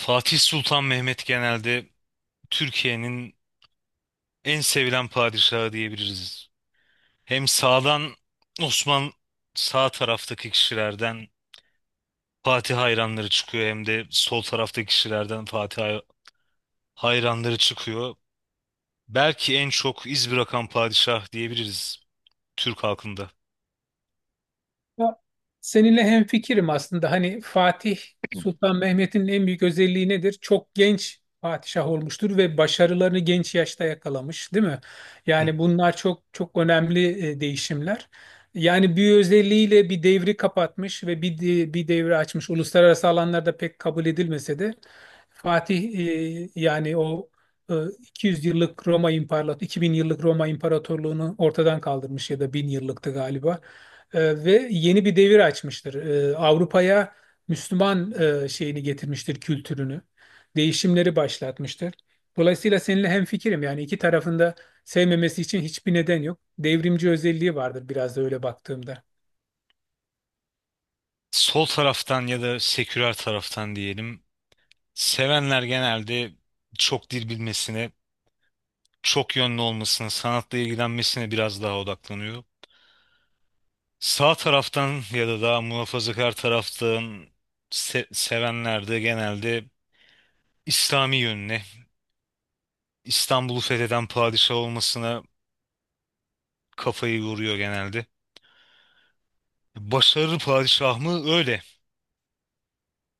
Fatih Sultan Mehmet genelde Türkiye'nin en sevilen padişahı diyebiliriz. Hem Osman sağ taraftaki kişilerden Fatih hayranları çıkıyor hem de sol taraftaki kişilerden Fatih hayranları çıkıyor. Belki en çok iz bırakan padişah diyebiliriz Türk halkında. Ya, seninle hemfikirim aslında. Hani Fatih Sultan Mehmet'in en büyük özelliği nedir? Çok genç padişah olmuştur ve başarılarını genç yaşta yakalamış, değil mi? Hı, hı. Yani bunlar çok çok önemli değişimler. Yani bir özelliğiyle bir devri kapatmış ve bir devri açmış. Uluslararası alanlarda pek kabul edilmese de Fatih yani o e, 200 yıllık Roma İmparatorluğu, 2000 yıllık Roma İmparatorluğunu ortadan kaldırmış ya da 1000 yıllıktı galiba ve yeni bir devir açmıştır. Avrupa'ya Müslüman şeyini getirmiştir, kültürünü. Değişimleri başlatmıştır. Dolayısıyla seninle hemfikirim. Yani iki tarafında sevmemesi için hiçbir neden yok. Devrimci özelliği vardır biraz da öyle baktığımda. Sol taraftan ya da seküler taraftan diyelim. Sevenler genelde çok dil bilmesine, çok yönlü olmasına, sanatla ilgilenmesine biraz daha odaklanıyor. Sağ taraftan ya da daha muhafazakar taraftan sevenler de genelde İslami yönüne, İstanbul'u fetheden padişah olmasına kafayı yoruyor genelde. Başarılı padişah mı? Öyle.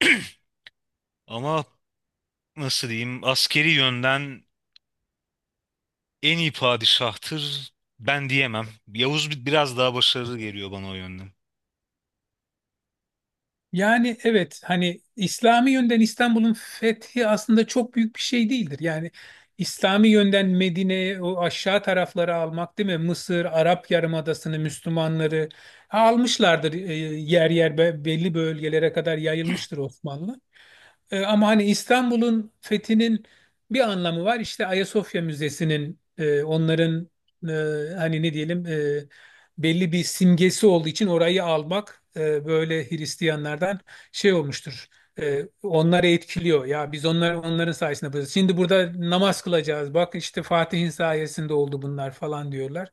Ama nasıl diyeyim, askeri yönden en iyi padişahtır ben diyemem. Yavuz biraz daha başarılı geliyor bana o yönden. Yani evet hani İslami yönden İstanbul'un fethi aslında çok büyük bir şey değildir. Yani İslami yönden Medine'ye o aşağı tarafları almak değil mi? Mısır, Arap Yarımadası'nı, Müslümanları almışlardır, yer yer belli bölgelere kadar yayılmıştır Osmanlı. Ama hani İstanbul'un fethinin bir anlamı var. İşte Ayasofya Müzesi'nin onların e, hani ne diyelim belli bir simgesi olduğu için orayı almak böyle Hristiyanlardan şey olmuştur. Onları etkiliyor. Ya biz onların sayesinde buradayız. Şimdi burada namaz kılacağız. Bak işte Fatih'in sayesinde oldu bunlar falan diyorlar.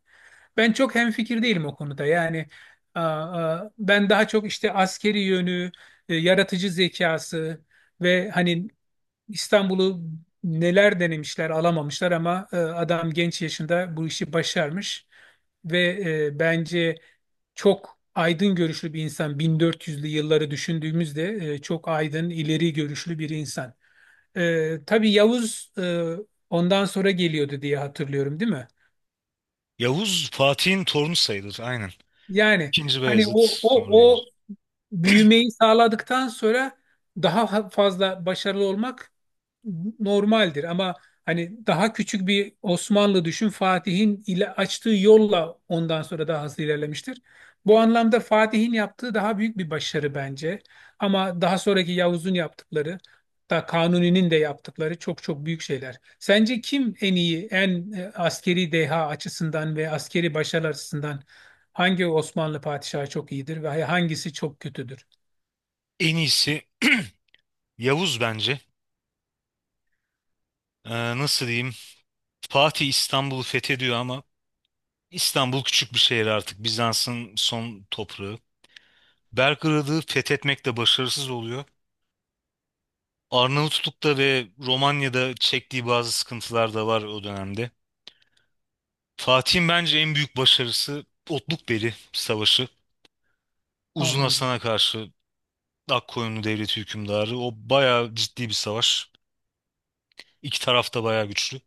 Ben çok hemfikir değilim o konuda. Yani ben daha çok işte askeri yönü, yaratıcı zekası ve hani İstanbul'u neler denemişler alamamışlar ama adam genç yaşında bu işi başarmış. Ve bence çok aydın görüşlü bir insan. 1400'lü yılları düşündüğümüzde çok aydın, ileri görüşlü bir insan. Tabii Yavuz ondan sonra geliyordu diye hatırlıyorum, değil mi? Yavuz Fatih'in torunu sayılır, aynen. Yani İkinci hani Beyazıt, o sonra o o Yavuz. büyümeyi sağladıktan sonra daha fazla başarılı olmak normaldir ama hani daha küçük bir Osmanlı düşün Fatih'in ile açtığı yolla ondan sonra daha hızlı ilerlemiştir. Bu anlamda Fatih'in yaptığı daha büyük bir başarı bence. Ama daha sonraki Yavuz'un yaptıkları da Kanuni'nin de yaptıkları çok çok büyük şeyler. Sence kim en iyi, en askeri deha açısından ve askeri başarı açısından hangi Osmanlı padişahı çok iyidir ve hangisi çok kötüdür? En iyisi Yavuz bence. Ee, Nasıl diyeyim? Fatih İstanbul'u fethediyor ama İstanbul küçük bir şehir artık. Bizans'ın son toprağı. Belgrad'ı fethetmekte başarısız oluyor. Arnavutluk'ta ve Romanya'da çektiği bazı sıkıntılar da var o dönemde. Fatih'in bence en büyük başarısı Otlukbeli Savaşı. Uzun Anladım. Hasan'a karşı Akkoyunlu Devleti hükümdarı. O bayağı ciddi bir savaş. İki taraf da bayağı güçlü.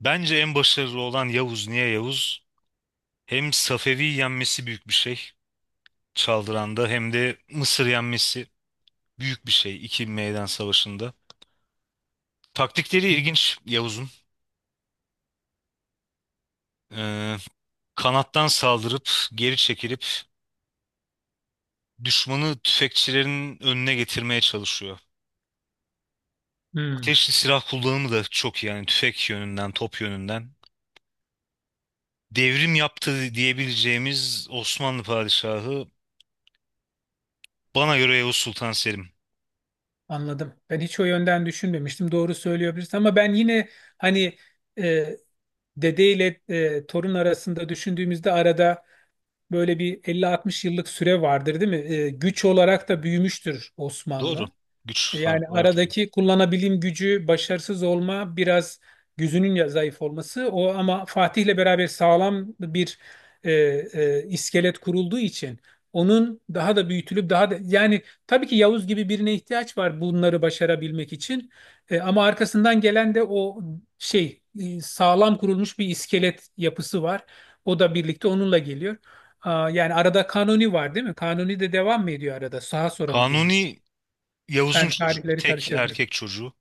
Bence en başarılı olan Yavuz. Niye Yavuz? Hem Safevi'yi yenmesi büyük bir şey. Çaldıran'da hem de Mısır yenmesi büyük bir şey iki meydan savaşında. Taktikleri ilginç Yavuz'un. Ee, Kanattan saldırıp geri çekilip düşmanı tüfekçilerin önüne getirmeye çalışıyor. Hmm. Ateşli silah kullanımı da çok iyi yani tüfek yönünden, top yönünden. Devrim yaptı diyebileceğimiz Osmanlı padişahı bana göre Yavuz Sultan Selim. Anladım. Ben hiç o yönden düşünmemiştim. Doğru söylüyor birisi ama ben yine hani e, dede ile torun arasında düşündüğümüzde arada böyle bir 50-60 yıllık süre vardır, değil mi? Güç olarak da büyümüştür Osmanlı. Doğru. Güç Yani farkı var tabii. aradaki kullanabilim gücü, başarısız olma, biraz gözünün zayıf olması o ama Fatih'le beraber sağlam bir iskelet kurulduğu için onun daha da büyütülüp daha da yani tabii ki Yavuz gibi birine ihtiyaç var bunları başarabilmek için. Ama arkasından gelen de o şey sağlam kurulmuş bir iskelet yapısı var. O da birlikte onunla geliyor. Yani arada Kanuni var değil mi? Kanuni de devam mı ediyor arada? Sağa sonra mı geliyor? Kanuni Yavuz'un Ben çocuğu. tarihleri Tek karıştırdım. erkek çocuğu.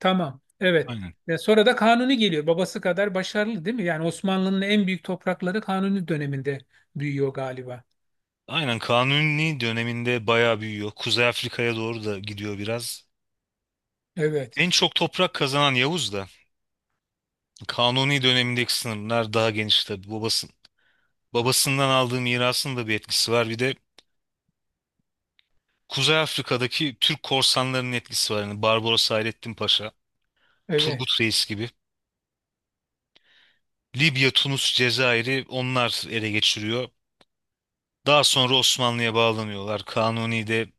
Tamam. Evet. Aynen. Ve sonra da Kanuni geliyor. Babası kadar başarılı değil mi? Yani Osmanlı'nın en büyük toprakları Kanuni döneminde büyüyor galiba. Aynen Kanuni döneminde bayağı büyüyor. Kuzey Afrika'ya doğru da gidiyor biraz. Evet. En çok toprak kazanan Yavuz da Kanuni dönemindeki sınırlar daha geniş tabii. Babası, babasından aldığı mirasın da bir etkisi var. Bir de Kuzey Afrika'daki Türk korsanlarının etkisi var. Yani Barbaros Hayrettin Paşa, Evet. Turgut Reis gibi. Libya, Tunus, Cezayir'i onlar ele geçiriyor. Daha sonra Osmanlı'ya bağlanıyorlar. Kanuni de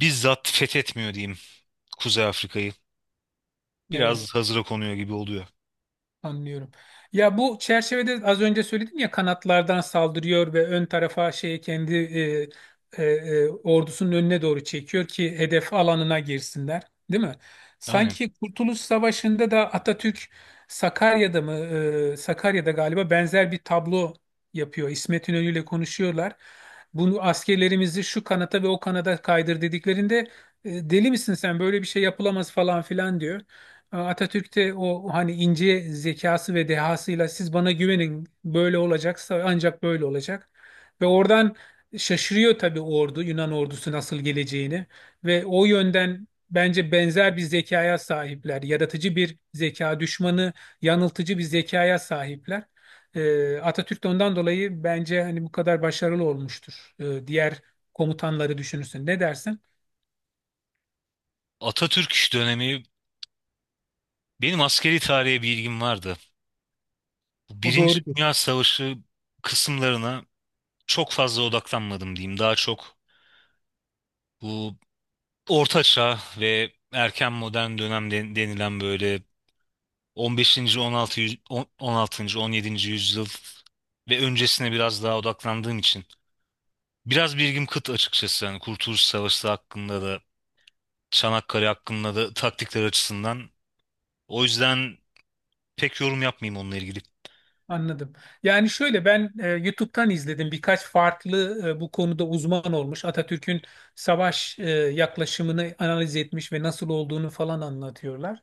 bizzat fethetmiyor diyeyim Kuzey Afrika'yı. Evet. Biraz hazıra konuyor gibi oluyor. Anlıyorum. Ya bu çerçevede az önce söyledim ya kanatlardan saldırıyor ve ön tarafa şey kendi ordusunun önüne doğru çekiyor ki hedef alanına girsinler, değil mi? Aynen. Sanki Kurtuluş Savaşı'nda da Atatürk Sakarya'da mı Sakarya'da galiba benzer bir tablo yapıyor. İsmet İnönü ile konuşuyorlar. Bunu askerlerimizi şu kanata ve o kanada kaydır dediklerinde deli misin sen böyle bir şey yapılamaz falan filan diyor. Atatürk'te o hani ince zekası ve dehasıyla siz bana güvenin böyle olacaksa ancak böyle olacak. Ve oradan şaşırıyor tabii ordu Yunan ordusu nasıl geleceğini ve o yönden bence benzer bir zekaya sahipler. Yaratıcı bir zeka, düşmanı yanıltıcı bir zekaya sahipler. Atatürk de ondan dolayı bence hani bu kadar başarılı olmuştur. Diğer komutanları düşünürsün. Ne dersin? Atatürk dönemi, benim askeri tarihe bir ilgim vardı. Bu O Birinci doğru. Dünya Savaşı kısımlarına çok fazla odaklanmadım diyeyim. Daha çok bu Orta Çağ ve erken modern dönem denilen böyle 15. 16. 16. 17. yüzyıl ve öncesine biraz daha odaklandığım için biraz bilgim kıt açıkçası. Yani Kurtuluş Savaşı hakkında da Çanakkale hakkında da taktikler açısından. O yüzden pek yorum yapmayayım onunla ilgili. Anladım. Yani şöyle ben YouTube'dan izledim birkaç farklı bu konuda uzman olmuş. Atatürk'ün savaş yaklaşımını analiz etmiş ve nasıl olduğunu falan anlatıyorlar.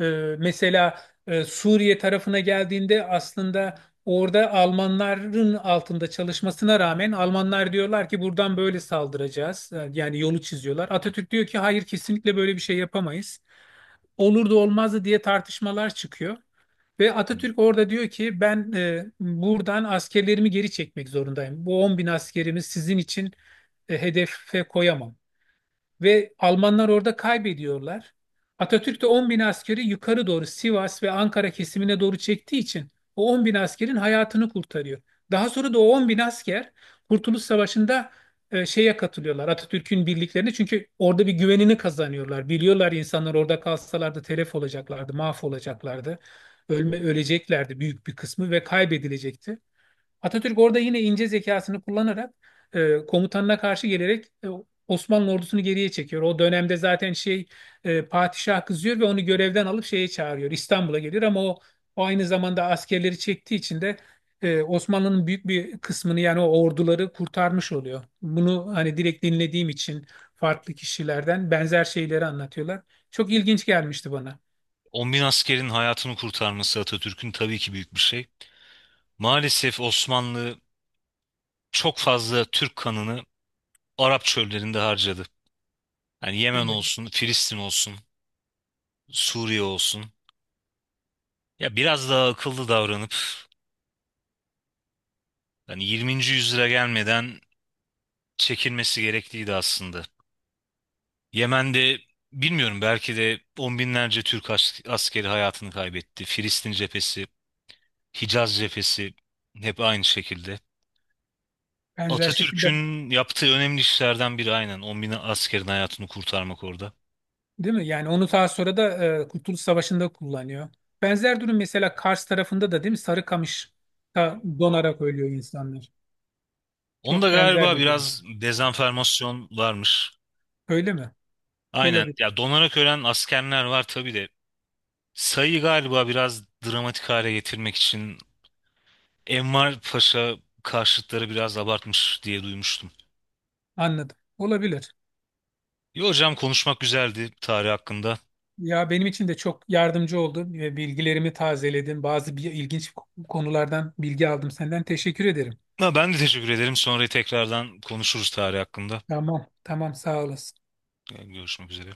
E, mesela Suriye tarafına geldiğinde aslında orada Almanların altında çalışmasına rağmen Almanlar diyorlar ki buradan böyle saldıracağız. Yani yolu çiziyorlar. Atatürk diyor ki hayır kesinlikle böyle bir şey yapamayız. Olur da olmazdı diye tartışmalar çıkıyor. Ve Atatürk orada diyor ki ben buradan askerlerimi geri çekmek zorundayım. Bu 10 bin askerimi sizin için hedefe koyamam ve Almanlar orada kaybediyorlar. Atatürk de 10 bin askeri yukarı doğru Sivas ve Ankara kesimine doğru çektiği için o 10 bin askerin hayatını kurtarıyor. Daha sonra da o 10 bin asker Kurtuluş Savaşı'nda şeye katılıyorlar Atatürk'ün birliklerine çünkü orada bir güvenini kazanıyorlar. Biliyorlar insanlar orada kalsalardı telef olacaklardı, mahvolacaklardı, öleceklerdi büyük bir kısmı ve kaybedilecekti. Atatürk orada yine ince zekasını kullanarak komutanına karşı gelerek Osmanlı ordusunu geriye çekiyor. O dönemde zaten şey padişah kızıyor ve onu görevden alıp şeye çağırıyor. İstanbul'a geliyor ama o aynı zamanda askerleri çektiği için de Osmanlı'nın büyük bir kısmını yani o orduları kurtarmış oluyor. Bunu hani direkt dinlediğim için farklı kişilerden benzer şeyleri anlatıyorlar. Çok ilginç gelmişti bana. 10 bin askerin hayatını kurtarması Atatürk'ün tabii ki büyük bir şey. Maalesef Osmanlı çok fazla Türk kanını Arap çöllerinde harcadı. Yani Yemen Evet. olsun, Filistin olsun, Suriye olsun. Ya biraz daha akıllı davranıp hani 20. yüzyıla gelmeden çekilmesi gerekliydi aslında. Yemen'de bilmiyorum belki de on binlerce Türk askeri hayatını kaybetti. Filistin cephesi, Hicaz cephesi hep aynı şekilde. Benzer şekilde. Atatürk'ün yaptığı önemli işlerden biri aynen 10 bin askerin hayatını kurtarmak orada. Değil mi? Yani onu daha sonra da Kurtuluş Savaşı'nda kullanıyor. Benzer durum mesela Kars tarafında da değil mi? Sarıkamış'ta donarak ölüyor insanlar. Onda Çok galiba, benzer evet, bir durum. biraz dezenformasyon varmış. Öyle mi? Aynen Olabilir. ya, donarak ölen askerler var tabii de sayıyı galiba biraz dramatik hale getirmek için Enver Paşa karşıtları biraz abartmış diye duymuştum. Anladım. Olabilir. İyi hocam, konuşmak güzeldi tarih hakkında. Ya benim için de çok yardımcı oldun ve bilgilerimi tazeledin. Bazı bir ilginç konulardan bilgi aldım senden. Teşekkür ederim. Ha, ben de teşekkür ederim. Sonra tekrardan konuşuruz tarih hakkında. Tamam, tamam sağ olasın. Yani görüşmek üzere.